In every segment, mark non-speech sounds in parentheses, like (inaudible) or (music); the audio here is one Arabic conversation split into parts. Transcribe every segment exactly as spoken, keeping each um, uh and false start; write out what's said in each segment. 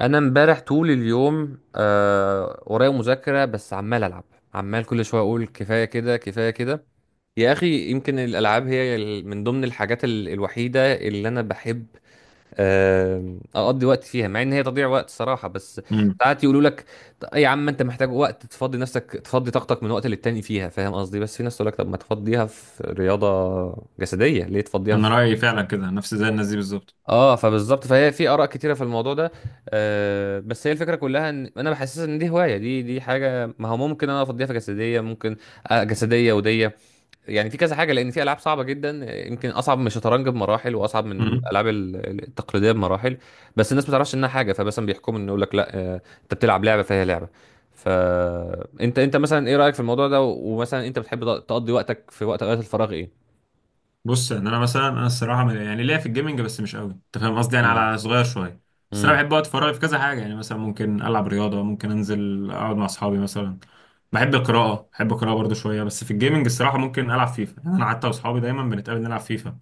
انا امبارح طول اليوم آه ورايا مذاكره، بس عمال العب. عمال كل شويه اقول كفايه كده، كفايه كده. يا اخي، يمكن الالعاب هي ال- من ضمن الحاجات ال- الوحيده اللي انا بحب آه اقضي وقت فيها، مع ان هي تضييع وقت صراحه. بس امم ساعات يقولوا لك "ط- يا عم، انت محتاج وقت تفضي نفسك، تفضي طاقتك من وقت للتاني فيها، فاهم قصدي؟ بس في ناس تقول لك طب ما تفضيها في رياضه جسديه، ليه تفضيها؟ انا رايي فعلا كده، نفس زي الناس دي بالظبط. اه، فبالظبط، فهي في اراء كتيره في الموضوع ده. آه، بس هي الفكره كلها ان انا بحسس ان دي هوايه، دي دي حاجه، ما هو ممكن انا افضيها في جسديه، ممكن آه جسديه وديه، يعني في كذا حاجه، لان في العاب صعبه جدا، آه، يمكن اصعب من الشطرنج بمراحل، واصعب من امم الالعاب ال- التقليديه بمراحل. بس الناس ما تعرفش انها حاجه، فمثلا بيحكموا ان يقول لك لا، آه انت بتلعب لعبه فهي لعبه. فانت انت انت مثلا ايه رايك في الموضوع ده؟ و- ومثلا انت بتحب تق- تقضي وقتك في وقت اوقات الفراغ، ايه؟ بص، ان انا مثلا انا الصراحه م- يعني ليا في الجيمنج بس مش قوي، انت فاهم قصدي؟ يعني امم. على صغير شويه. بس انا امم. بحب وقت فراغي في كذا حاجه، يعني مثلا ممكن العب رياضه، ممكن انزل اقعد مع اصحابي مثلا. بحب القراءه، بحب القراءه برضو شويه، بس في الجيمنج الصراحه ممكن العب فيفا. يعني انا حتى واصحابي دايما بنتقابل نلعب فيفا،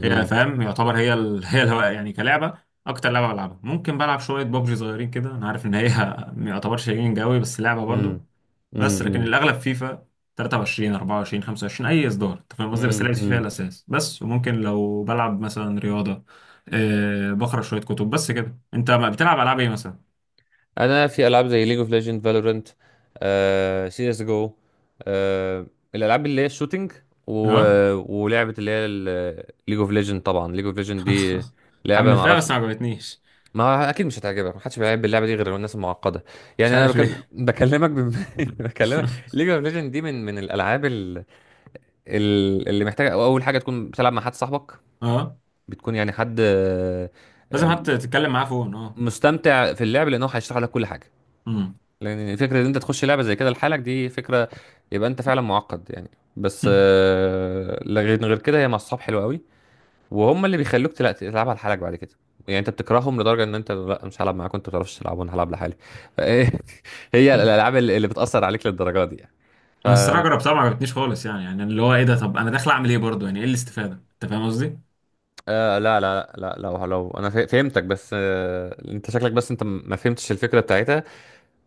هي فاهم يعتبر هي ال... (laughs) هي الهواء يعني كلعبه. اكتر لعبه بلعبها، ممكن بلعب شويه ببجي صغيرين كده، انا عارف ان هي (laughs) ما يعتبرش جيمنج قوي بس لعبه برضو. امم. بس لكن امم. الاغلب فيفا تلاتة وعشرين اربعة وعشرين خمسة وعشرين، اي اصدار، انت فاهم قصدي؟ بس مم، لعبت فيفا هي مم. الاساس، بس وممكن لو بلعب مثلا رياضه. أه، بقرا شويه كتب بس كده. انت ما بتلعب العاب ايه مثلا؟ انا في العاب زي ليج اوف ليجند، فالورنت، سي اس جو، الالعاب اللي هي الشوتينج، و... اه. ولعبه اللي هي ليج اوف ليجند. طبعا ليج اوف ليجند دي (laughs) لعبه ما حملتها اعرفش. بس ما عجبتنيش. ما هو اكيد مش هتعجبك، ما حدش بيلعب اللعبه دي غير الناس المعقده. يعني مش انا عارف بك... ليه. بكلمك بم... (laughs) بكلمك، ليج اوف ليجند دي من من الالعاب ال... ال... اللي محتاجه اول حاجه تكون بتلعب مع حد صاحبك، اه. بتكون يعني حد آه، لازم آه، حتى تتكلم معاه فون، اه. مستمتع في اللعب، لانه هيشرح لك كل حاجه. امم. لان فكره ان انت تخش لعبه زي كده لحالك، دي فكره، يبقى انت فعلا معقد يعني. بس، (laughs) آه، لغير غير كده هي مع الصحاب حلوه قوي. وهم اللي بيخلوك تلا- تلعبها لحالك بعد كده، يعني انت بتكرههم لدرجه ان انت، لا مش هلعب معاكم، انتوا ما بتعرفوش تلعبوا، انا هلعب لحالي. (laughs) هي الالعاب اللي اللي بتاثر عليك للدرجه دي يعني. ف... انا الصراحه جربتها ما عجبتنيش خالص، يعني يعني اللي هو ايه ده؟ طب انا داخل اعمل ايه برضه؟ يعني ايه الاستفاده؟ انت فاهم قصدي؟ آه لا لا لا، لو لو انا فه- فهمتك، بس آه، انت شكلك، بس انت م- ما فهمتش الفكره بتاعتها.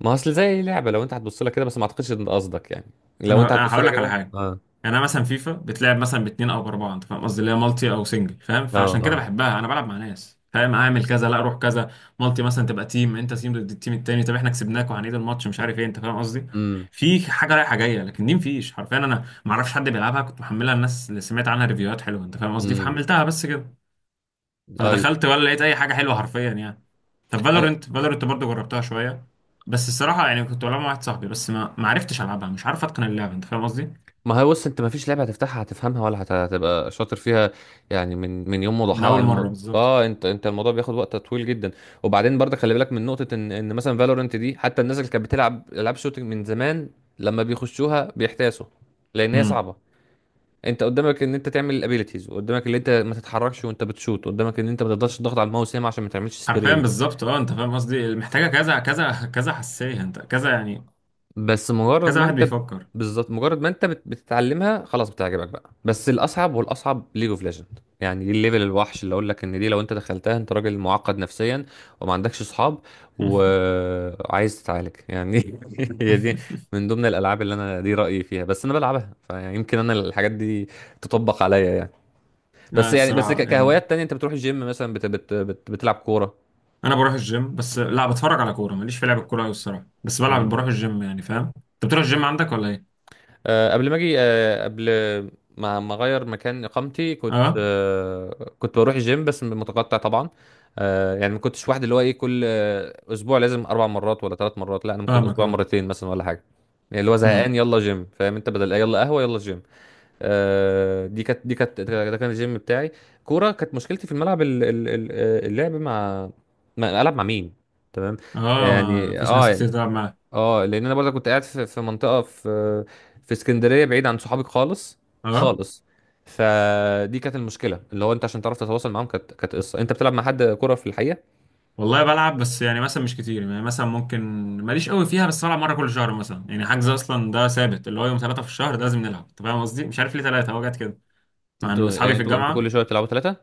ما اصل زي لعبه، لو انت هتبص لها كده، بس ما اعتقدش ان ده قصدك يعني. لو انا انت انا هتبص هقول لها لك على كده، حاجه. اه. يعني انا مثلا فيفا بتلعب مثلا باتنين او باربعه، انت فاهم قصدي؟ اللي هي مالتي او سنجل فاهم، اه، فعشان كده اه. بحبها. انا بلعب مع ناس، فاهم؟ اعمل كذا، لا اروح كذا. مالتي مثلا تبقى تيم، انت تيم ضد التيم التاني، طب احنا كسبناك وهنعيد الماتش، مش عارف ايه، انت فاهم قصدي؟ امم. في حاجه رايحه جايه. لكن دي مفيش، حرفيا انا ما اعرفش حد بيلعبها. كنت محملها، الناس اللي سمعت عنها ريفيوهات حلوه، انت فاهم قصدي؟ امم. فحملتها بس كده. ايوه. فدخلت ولا لقيت اي حاجه حلوه حرفيا يعني. طب أنا... فالورنت، فالورنت برضه جربتها شويه. بس الصراحه يعني كنت بلعبها مع واحد صاحبي، بس ما ما عرفتش العبها، مش عارف اتقن اللعبه، انت فاهم قصدي؟ ما هو بص، انت ما فيش لعبه هتفتحها هتفهمها ولا هت- هتبقى شاطر فيها، يعني من من يوم من وضحاها، اول مره المو... بالظبط. اه، انت انت الموضوع بياخد وقت طويل جدا. وبعدين برضه خلي بالك من نقطه، ان ان مثلا فالورنت دي حتى الناس اللي كانت بتلعب العاب شوتنج من زمان، لما بيخشوها بيحتاسوا، لان هي امم. صعبه. انت قدامك ان انت تعمل الابيليتيز، وقدامك ان انت ما تتحركش وانت بتشوت، قدامك ان انت ما تقدرش تضغط على الماوس ياما عشان ما تعملش حرفيا سبراي. بالظبط اه، انت فاهم قصدي؟ محتاجه كذا كذا كذا حساسيه، انت كذا يعني، بس مجرد كذا ما واحد انت، بيفكر. بالظبط مجرد ما انت بت- بتتعلمها خلاص بتعجبك بقى. بس الاصعب والاصعب ليج اوف ليجند، يعني دي الليفل الوحش اللي اقول لك ان دي لو انت دخلتها، انت راجل معقد نفسيا وما عندكش اصحاب (laughs) وعايز تتعالج يعني. (laughs) هي دي من ضمن الالعاب اللي انا، دي رايي فيها، بس انا بلعبها، فيمكن انا الحاجات دي تطبق عليا يعني. بس لا يعني بس ك- الصراحه يعني كهوايات تانية، انت بتروح الجيم مثلا، بت بت بت بتلعب كوره؟ انا بروح الجيم بس، لا بتفرج على كوره، ماليش في لعب الكوره قوي الصراحه، بس بلعب بروح الجيم يعني. فاهم؟ انت بتروح الجيم عندك ولا ايه؟ آه، قبل ما اجي، آه، قبل ما ما اغير مكان اقامتي، كنت اه، آه، كنت بروح الجيم بس متقطع طبعا. آه، يعني ما كنتش واحد اللي هو ايه، كل آه، اسبوع لازم اربع مرات ولا ثلاث مرات، لا انا ممكن فاهمك، اسبوع اه، مرتين مثلا ولا حاجه. يعني اللي هو امم. زهقان، يلا جيم، فاهم انت، بدل يلا قهوه يلا جيم. آه، دي كانت دي كانت ده كان الجيم بتاعي. كوره كانت مشكلتي في الملعب، ال- ال- ال- اللعب مع، مع- العب مع مين. تمام. اه، ما يعني فيش ناس اه. كتير تلعب معاك. اه، لان انا برضه كنت قاعد في في منطقه، في، في اسكندريه بعيد عن صحابك خالص. اه. خالص. فدي كانت المشكله، اللي هو انت عشان تعرف تتواصل معاهم، كانت كانت قصه انت بتلعب مع حد كوره في الحقيقه. والله بلعب بس، يعني مثلا مش كتير، يعني مثلا ممكن. ماليش قوي فيها، بس بلعب مره كل شهر مثلا. يعني حجز اصلا ده ثابت، اللي هو يوم ثلاثه في الشهر ده لازم نلعب، انت فاهم قصدي؟ مش عارف ليه ثلاثه، هو جت كده، مع ان انتوا اصحابي يعني في انتوا انتوا كل الجامعه. شويه بتلعبوا ثلاثه؟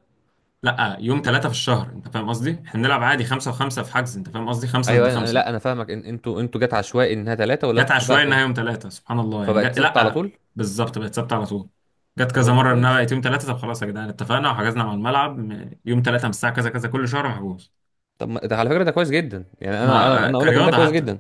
لا، يوم ثلاثه في الشهر، انت فاهم قصدي؟ احنا بنلعب عادي خمسه وخمسه في حجز، انت فاهم قصدي؟ خمسه ضد ايوه، انا أنا- خمسه. لا، انا فاهمك، ان انتوا انتوا جت عشوائي انها ثلاثه، ولا جت انتوا عشوائي اتفقتوا؟ انها يوم ثلاثه، سبحان الله، يعني فبقت جت، ثابته على لا طول. بالظبط، بقت ثابته على طول. جت طب هو كذا ده مره انها كويس، بقت يوم ثلاثه، طب خلاص يا جدعان، اتفقنا وحجزنا مع الملعب م- يوم ثلاثه من الساعه كذا كذا كل شهر محجوز. طب ما- ده على فكره ده كويس جدا، يعني انا انا مع آه، انا اقول لك ان ده كرياضه كويس حتى. جدا.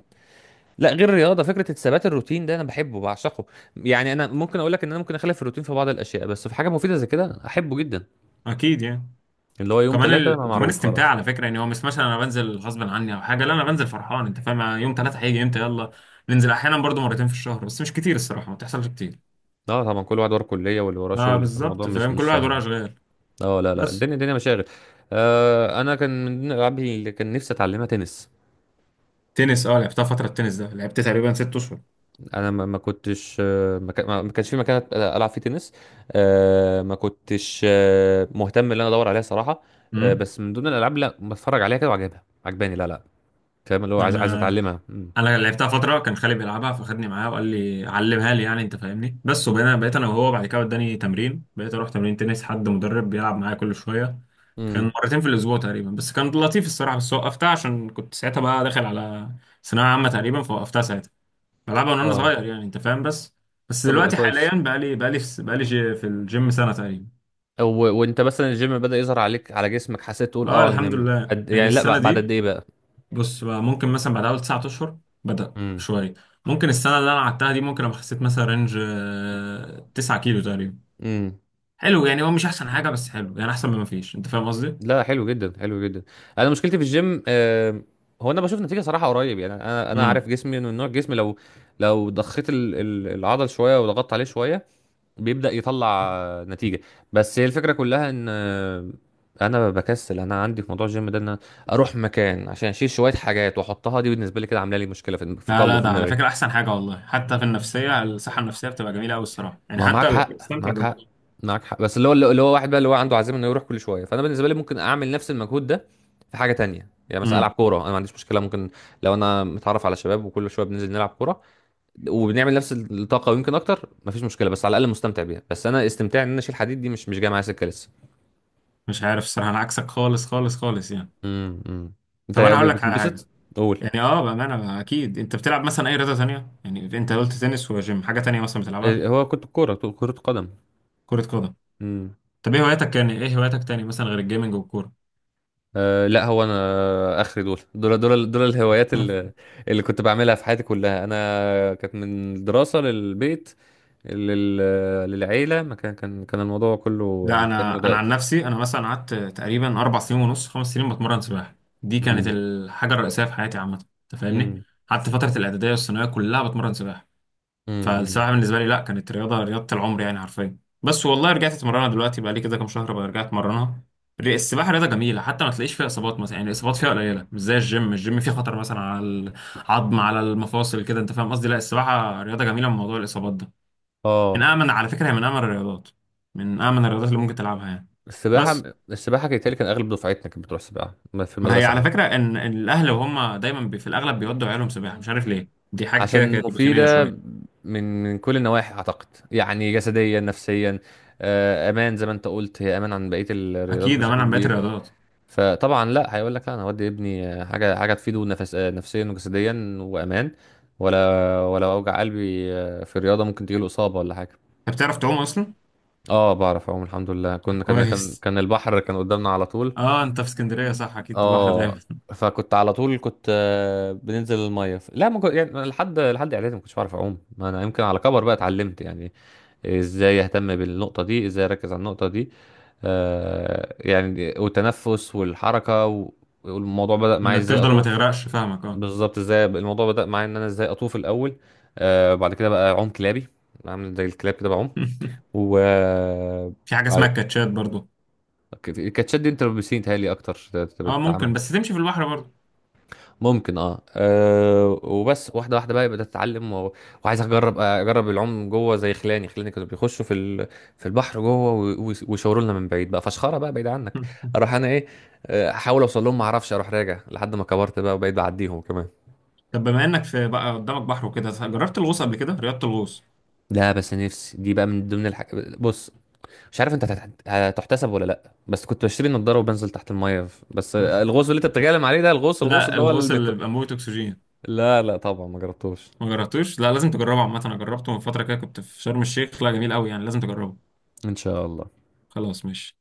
لا، غير الرياضه، فكره الثبات الروتين ده انا بحبه بعشقه. يعني انا ممكن اقول لك ان انا ممكن اخالف الروتين في بعض الاشياء، بس في حاجه مفيده زي كده احبه جدا. اكيد يعني. اللي هو يوم كمان ثلاثة ال... ما، وكمان معروف استمتاع خلاص. على فكره، يعني هو مش مثلا انا بنزل غصب عني او حاجه، لا انا بنزل فرحان، انت فاهم؟ يعني يوم ثلاثه هيجي امتى، يلا ننزل. احيانا برضو مرتين في الشهر، بس مش كتير الصراحه، ما بتحصلش كتير. اه، طبعا، كل واحد وراه كلية واللي وراه ما شغل، فالموضوع بالظبط، مش فاهم؟ كل مش واحد وراه سهل. اشغال. اه لا لا، بس. الدنيا الدنيا مشاغل. آه، انا كان من ضمن الالعاب اللي كان نفسي اتعلمها تنس. تنس، اه لعبتها فتره، التنس ده لعبت تقريبا ست اشهر. انا ما ما كنتش آه، ما كان- ما- ما كانش في مكان أت- العب فيه تنس. آه ما كنتش آه، مهتم ان انا ادور عليها صراحة. آه، امم. بس من ضمن الالعاب، لا بتفرج عليها كده وعجبها، عجباني، لا لا فاهم، اللي هو عايز، عايز انا اتعلمها. امم. انا لعبتها فتره كان خالي بيلعبها، فخدني معاه وقال لي علمها لي يعني، انت فاهمني؟ بس وبقينا، بقيت انا وهو بعد كده اداني تمرين، بقيت اروح تمرين تنس، حد مدرب بيلعب معايا كل شويه. امم. كان مرتين في الاسبوع تقريبا، بس كان لطيف الصراحه، بس وقفتها عشان كنت ساعتها بقى داخل على ثانويه عامه تقريبا، فوقفتها ساعتها. بلعبها من وانا اه، صغير يعني، انت فاهم؟ بس. بس طب ده دلوقتي حاليا كويس. بقى لي بقى لي بقى لي في الجيم سنه تقريبا. و... وانت مثلا الجيم بدأ يظهر عليك على جسمك؟ حسيت تقول اه اه الحمد ان لله، قد... يعني يعني لا، السنه بع- بعد قد دي، ايه بقى؟ بص بقى، ممكن مثلا بعد اول تسعة اشهر بدأ امم. شويه. ممكن السنه اللي انا قعدتها دي ممكن ابقى خسيت مثلا رينج آه، تسعة كيلو تقريبا. امم. حلو يعني، هو مش احسن حاجه بس حلو يعني، احسن من ما فيش، انت فاهم قصدي؟ لا حلو جدا، حلو جدا. انا مشكلتي في الجيم آه... هو انا بشوف نتيجة صراحة قريب، يعني انا انا امم. عارف جسمي انه نوع جسمي، لو لو ضخيت ال... ال... العضل شوية وضغطت عليه شوية، بيبدأ يطلع آه، نتيجة. بس هي الفكرة كلها ان آه، انا بكسل، انا عندي في موضوع الجيم ده، ان أنا اروح مكان عشان اشيل شوية حاجات واحطها، دي بالنسبة لي كده عاملة لي مشكلة في، في لا قلبي، لا، في ده على دماغي. فكره احسن حاجه والله، حتى في النفسيه، الصحه النفسيه بتبقى جميله قوي الصراحه يعني، ما معاك حتى ال- حق، بستمتع معاك حق، بالموضوع. معاك حق، بس اللي هو، اللي هو واحد بقى اللي هو عنده عزيمه انه يروح كل شويه، فانا بالنسبه لي ممكن اعمل نفس المجهود ده في حاجه تانية، يعني مثلا العب امم. كوره، انا ما عنديش مشكله، ممكن لو انا متعرف على شباب وكل شويه بننزل نلعب كوره وبنعمل نفس الطاقه ويمكن اكتر ما فيش مشكله، بس على الاقل مستمتع بيها، بس انا استمتاع ان انا اشيل حديد دي مش مش جايه معايا سكه لسه. مش عارف الصراحه، انا عكسك خالص خالص خالص يعني. امم. انت طب انا هقول لك على حاجه. بتنبسط. قول. يعني اه بامانه بقى، اكيد انت بتلعب مثلا اي رياضه تانية، يعني انت قلت تنس وجيم، حاجه تانية مثلا بتلعبها؟ إيه، هو كنت الكوره، كره قدم. كره قدم. طب ايه هواياتك، كان ايه هواياتك تاني مثلا غير الجيمنج والكورة؟ أه لا، هو انا اخر، دول دول دول دول الهوايات (laughs) اللي، اللي كنت بعملها في حياتي كلها، انا كانت من الدراسه للبيت، لل... للعيله. ما كان كان كان الموضوع كله لا، انا متاخد انا عن وقت. نفسي، انا مثلا قعدت تقريبا اربع سنين ونص، خمس سنين بتمرن سباحة، دي كانت امم. الحاجة الرئيسية في حياتي عامة. انت فاهمني؟ امم. قعدت فترة الاعدادية والثانوية كلها بتمرن سباحة. امم. فالسباحة بالنسبة لي لا، كانت رياضة، رياضة العمر يعني حرفيا. بس والله رجعت اتمرنها دلوقتي، بقى لي كده كام شهر بقى رجعت اتمرنها. الري- السباحة رياضة جميلة، حتى ما تلاقيش فيها اصابات مثلا يعني، الاصابات فيها قليلة، مش زي الجيم، الجيم فيه خطر مثلا على العظم، على المفاصل كده، انت فاهم قصدي؟ لا السباحة رياضة جميلة من موضوع الاصابات ده. من اه. أأمن على فكرة، هي من أأمن الرياضات، من أأمن الرياضات اللي ممكن تلعبها يعني. السباحه، بس. السباحه كانت، كان اغلب دفعتنا كانت بتروح سباحه في ما هي المدرسه على عندي. فكرة إن إن الأهل وهم دايما بي في الأغلب بيودوا عيالهم سباحة، مش عارف ليه، دي حاجة كده عشان كانت روتينية مفيده شوية. من من كل النواحي، اعتقد يعني جسديا، نفسيا، آه، امان، زي ما انت قلت، هي امان عن بقيه الرياضات أكيد أمان بشكل عن باقي كبير. الرياضات. فطبعا لا، هيقول لك لا انا هودي ابني آه، حاجه، حاجه تفيده، نفس آه، نفسيا وجسديا وامان. ولا، ولا اوجع قلبي آه، في الرياضه ممكن تجيله اصابه ولا حاجه. أنت بتعرف تعوم أصلا؟ اه، بعرف اعوم الحمد لله، (laughs) كنا كان كان كويس. كان البحر كان قدامنا على طول. أه أنت في اسكندرية، صح أكيد البحر اه، دايما. فكنت على طول كنت آه، بننزل الميه، ف- لا، ما كنت يعني، لحد لحد اعدادي ما كنتش بعرف اعوم، ما انا يمكن على كبر بقى اتعلمت يعني. ازاي اهتم بالنقطه دي، ازاي اركز على النقطه دي، آه، يعني والتنفس والحركه و- والموضوع بدأ (laughs) معايا إنك ازاي تفضل ما اطوف. تغرقش، فاهمك أه. بالظبط، ازاي الموضوع بدأ معايا ان انا ازاي اطوف الاول. آه، بعد كده بقى اعوم كلابي، اعمل زي الكلاب كده بعوم. (laughs) و آه، في حاجة بعد- اسمها الكاتشات برضو. كانت كانت شد انت بسين، تهيألي اكتر تت- أه بتتعمل. ممكن، بس تمشي في البحر برضو. ممكن اه، آه وبس واحده واحده بقى بدات اتعلم، و... وعايز اجرب آه، اجرب العوم جوه، زي خلاني خلاني كانوا بيخشوا في ال... في البحر جوه، و... و- ويشاوروا لنا من بعيد بقى فشخره بقى، بعيد عنك. (laughs) اروح انا ايه، آه، احاول اوصل لهم ما اعرفش، اروح راجع لحد ما كبرت بقى وبقيت بعديهم كمان. طب بما إنك في بقى قدامك بحر وكده، جربت الغوص قبل كده؟ رياضة الغوص. لا، بس نفسي دي بقى من ضمن الحاجات، بص، مش عارف انت هتت- هتحتسب ولا لا، بس كنت بشتري نضاره وبنزل تحت الميه، ف- بس (laughs) الغوص اللي انت بتتكلم عليه ده، الغوص، الغوص لا، اللي هو الغوص اللي بيبقى المت... موت أكسجين. لا لا طبعا ما جربتوش. ما جربتوش؟ لا لازم تجربه عامه، انا جربته من فتره كده كنت في شرم الشيخ، لا جميل قوي يعني، لازم تجربه. ان شاء الله. خلاص ماشي.